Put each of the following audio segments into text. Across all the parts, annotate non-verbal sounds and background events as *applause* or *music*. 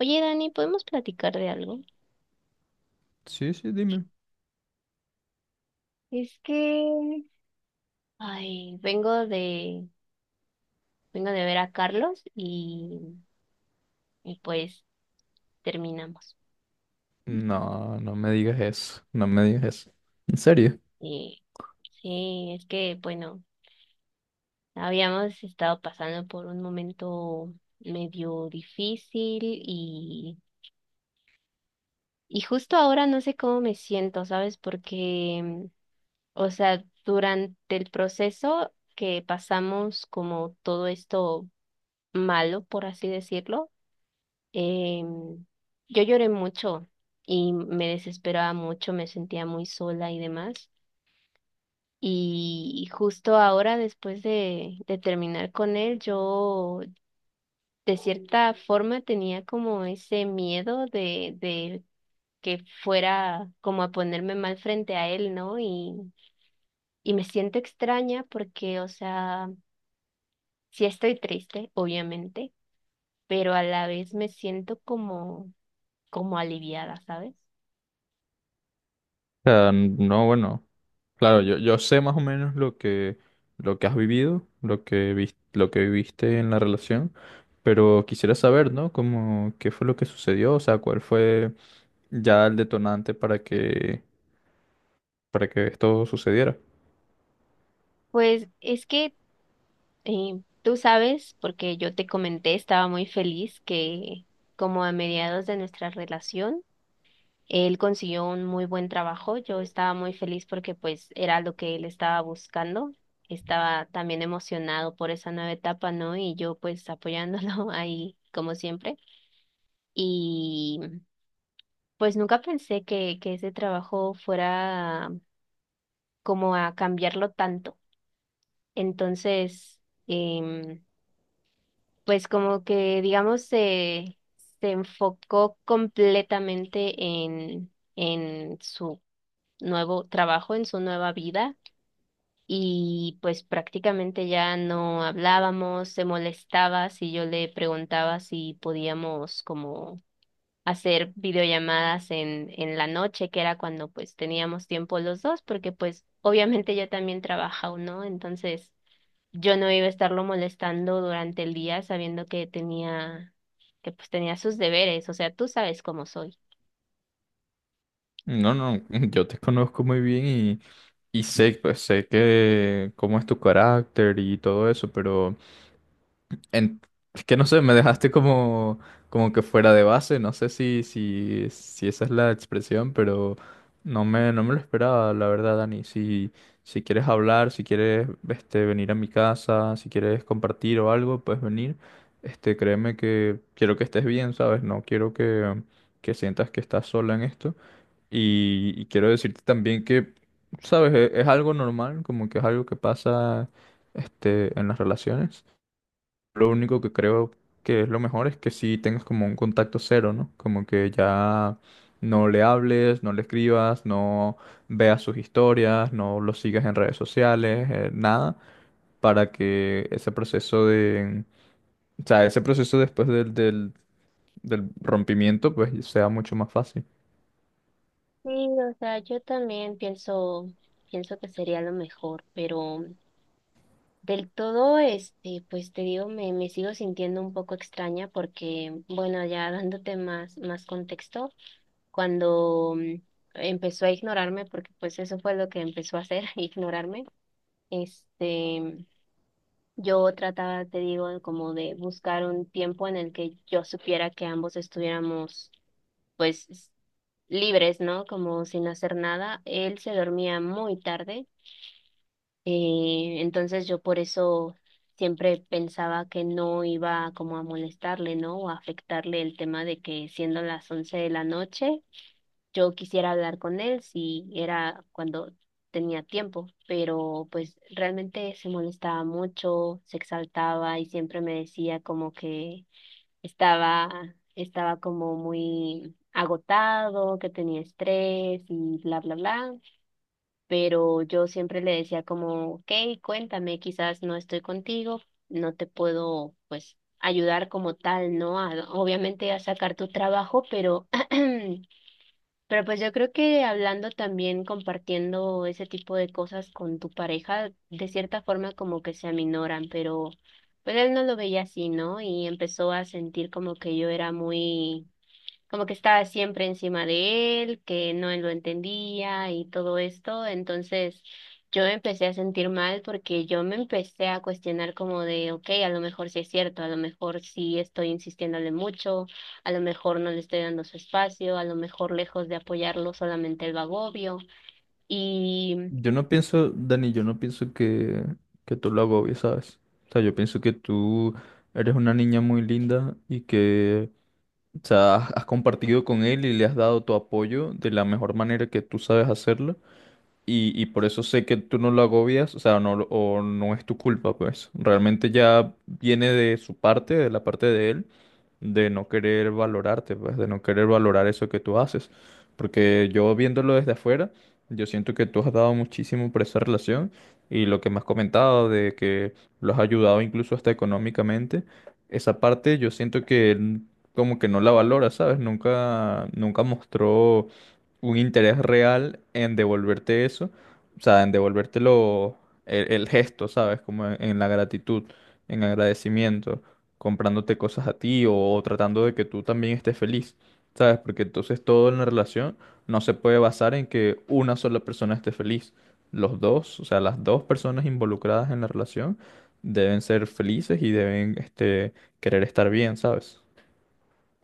Oye, Dani, ¿podemos platicar de algo? Sí, sí, dime. Es que, ay, vengo de ver a Carlos y pues terminamos. No, no me digas eso, no me digas eso. ¿En serio? Y sí, es que, bueno, habíamos estado pasando por un momento medio difícil y justo ahora no sé cómo me siento, ¿sabes? Porque, o sea, durante el proceso que pasamos como todo esto malo, por así decirlo, Em, yo lloré mucho y me desesperaba mucho, me sentía muy sola y demás. Y justo ahora, después de terminar con él, yo de cierta forma tenía como ese miedo de que fuera como a ponerme mal frente a él, ¿no? Y me siento extraña porque, o sea, sí estoy triste, obviamente, pero a la vez me siento como aliviada, ¿sabes? O sea, no, bueno, claro, yo sé más o menos lo que has vivido, lo que viviste en la relación, pero quisiera saber, ¿no? Como, ¿qué fue lo que sucedió? O sea, ¿cuál fue ya el detonante para para que esto sucediera? Pues es que tú sabes, porque yo te comenté, estaba muy feliz que como a mediados de nuestra relación, él consiguió un muy buen trabajo. Yo estaba muy feliz porque pues era lo que él estaba buscando. Estaba también emocionado por esa nueva etapa, ¿no? Y yo pues apoyándolo *laughs* ahí como siempre. Y pues nunca pensé que ese trabajo fuera como a cambiarlo tanto. Entonces... em, pues como que, digamos, se enfocó completamente en su nuevo trabajo, en su nueva vida, y pues prácticamente ya no hablábamos, se molestaba si yo le preguntaba si podíamos como hacer videollamadas en la noche, que era cuando pues teníamos tiempo los dos, porque pues obviamente ella también trabaja, ¿no? Entonces yo no iba a estarlo molestando durante el día sabiendo que tenía, que pues tenía sus deberes, o sea, tú sabes cómo soy. No, no, *laughs* yo te conozco muy bien y sé, pues sé que cómo es tu carácter y todo eso, pero... En, es que no sé, me dejaste como que fuera de base, no sé si esa es la expresión, pero no me lo esperaba, la verdad, Dani. Si, si quieres hablar, si quieres este, venir a mi casa, si quieres compartir o algo, puedes venir. Este, créeme que quiero que estés bien, ¿sabes? No quiero que sientas que estás sola en esto. Y quiero decirte también que, ¿sabes? Es algo normal, como que es algo que pasa este, en las relaciones. Lo único que creo que es lo mejor es que si tengas como un contacto cero, ¿no? Como que ya no le hables, no le escribas, no veas sus historias, no lo sigas en redes sociales, nada, para que ese proceso de, o sea, ese proceso después del rompimiento, pues sea mucho más fácil. Sí, o sea, yo también pienso que sería lo mejor, pero del todo, este, pues te digo, me sigo sintiendo un poco extraña porque, bueno, ya dándote más contexto, cuando empezó a ignorarme, porque pues eso fue lo que empezó a hacer, *laughs* ignorarme, este. Yo trataba, te digo, como de buscar un tiempo en el que yo supiera que ambos estuviéramos, pues, libres, ¿no? Como sin hacer nada. Él se dormía muy tarde, entonces yo por eso siempre pensaba que no iba como a molestarle, ¿no? O a afectarle el tema de que siendo las once de la noche. Yo quisiera hablar con él si era cuando tenía tiempo, pero pues realmente se molestaba mucho, se exaltaba y siempre me decía como que estaba, estaba como muy agotado, que tenía estrés y bla, bla, bla. Pero yo siempre le decía como, ok, cuéntame, quizás no estoy contigo, no te puedo pues ayudar como tal, ¿no? A- obviamente a sacar tu trabajo, pero... *clears throat* pero pues yo creo que hablando también, compartiendo ese tipo de cosas con tu pareja, de cierta forma como que se aminoran, pero pues él no lo veía así, ¿no? Y empezó a sentir como que yo era muy como que estaba siempre encima de él, que no lo entendía y todo esto. Entonces yo me empecé a sentir mal porque yo me empecé a cuestionar como de, ok, a lo mejor sí es cierto, a lo mejor sí estoy insistiéndole mucho, a lo mejor no le estoy dando su espacio, a lo mejor lejos de apoyarlo solamente el agobio. Yo no pienso, Dani, yo no pienso que tú lo agobies, ¿sabes? O sea, yo pienso que tú eres una niña muy linda y que. O sea, has compartido con él y le has dado tu apoyo de la mejor manera que tú sabes hacerlo y por eso sé que tú no lo agobias, o sea, no, lo- o no es tu culpa, pues. Realmente ya viene de su parte, de la parte de él, de no querer valorarte, pues, de no querer valorar eso que tú haces. Porque yo viéndolo desde afuera, yo siento que tú has dado muchísimo por esa relación y lo que me has comentado de que lo has ayudado incluso hasta económicamente, esa parte yo siento que él como que no la valora, ¿sabes? Nunca, nunca mostró un interés real en devolverte eso, o sea, en devolvértelo el gesto, ¿sabes? Como en la gratitud, en agradecimiento, comprándote cosas a ti o tratando de que tú también estés feliz, ¿sabes? Porque entonces todo en la relación no se puede basar en que una sola persona esté feliz. Los dos, o sea, las dos personas involucradas en la relación deben ser felices y deben, este, querer estar bien, ¿sabes?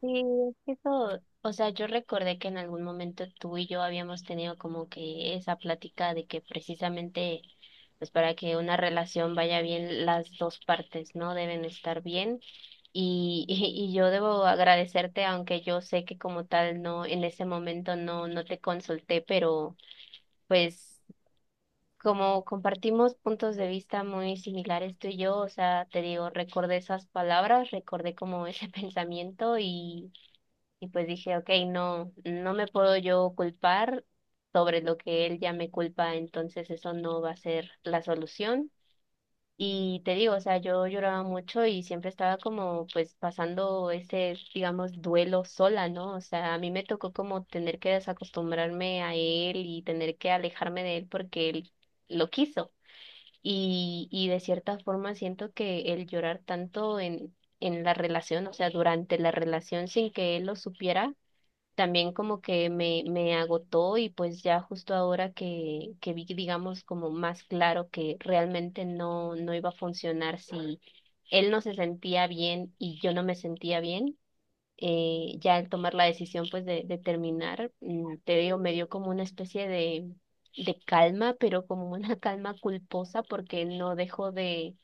Sí, es que eso, o sea, yo recordé que en algún momento tú y yo habíamos tenido como que esa plática de que precisamente, pues para que una relación vaya bien, las dos partes, ¿no? Deben estar bien. Y, *laughs* y yo debo agradecerte, aunque yo sé que como tal no, en ese momento no te consulté, pero pues como compartimos puntos de vista muy similares tú y yo, o sea, te digo, recordé esas palabras, recordé como ese *laughs* pensamiento y pues dije, ok, no me puedo yo culpar sobre lo que él ya me culpa, entonces eso no va a ser la solución. Y te digo, o sea, yo lloraba mucho y siempre estaba como pues pasando ese, digamos, duelo sola, ¿no? O sea, a mí me tocó como tener que desacostumbrarme a él y tener que alejarme de él porque él lo quiso. Y de cierta forma siento que el llorar tanto en la relación, o sea, durante la relación sin que él lo supiera, también como que me agotó y pues ya justo ahora que vi, digamos, como más claro que realmente no iba a funcionar si él no se sentía bien y yo no me sentía bien, ya al tomar la decisión pues de terminar, te digo, me dio como una especie de calma, pero como una *laughs* calma culposa porque no dejo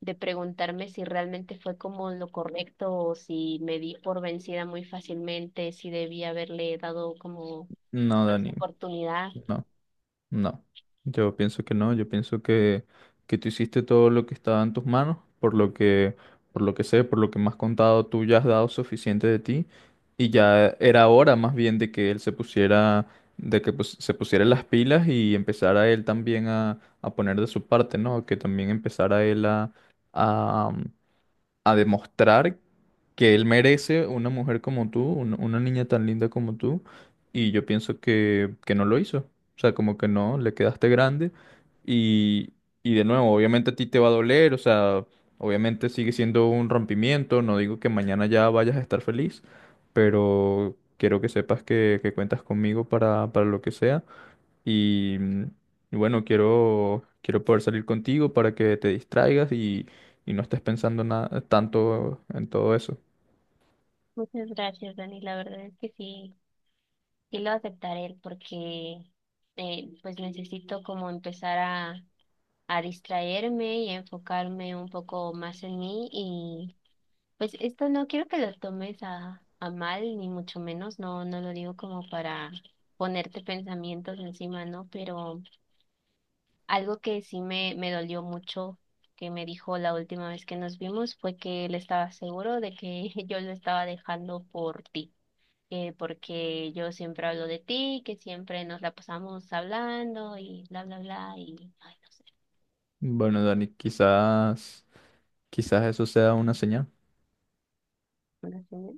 de preguntarme si realmente fue como lo correcto o si me di por vencida muy fácilmente, si debía haberle dado como No, más Dani, oportunidad. no. No, yo pienso que no, yo pienso que tú hiciste todo lo que estaba en tus manos, por lo que sé, por lo que me has contado, tú ya has dado suficiente de ti y ya era hora más bien de que él se pusiera, de que pues, se pusiera las pilas y empezara él también a poner de su parte, ¿no? Que también empezara él a, a demostrar que él merece una mujer como tú, un- una niña tan linda como tú, y yo pienso que no lo hizo. O sea, como que no, le quedaste grande y, y de nuevo, obviamente a ti te va a doler, o sea, obviamente sigue siendo un rompimiento, no digo que mañana ya vayas a estar feliz, pero quiero que sepas que cuentas conmigo para lo que sea y, y bueno, quiero, quiero poder salir contigo para que te distraigas y no estés pensando nada, tanto en todo eso. Muchas gracias, Dani. La verdad es que sí, sí lo aceptaré porque pues necesito como empezar a distraerme y a enfocarme un poco más en mí y pues esto no quiero que lo tomes a mal ni mucho menos, no, no lo digo como para ponerte pensamientos encima, ¿no? Pero algo que sí me dolió mucho que me dijo la última vez que nos vimos fue que él estaba seguro de que *laughs* yo lo estaba dejando por ti. Eh, porque yo siempre hablo de ti, que siempre nos la pasamos hablando y bla, bla, bla, y ay, no sé. Bueno, Dani, quizás, quizás eso sea una señal. Una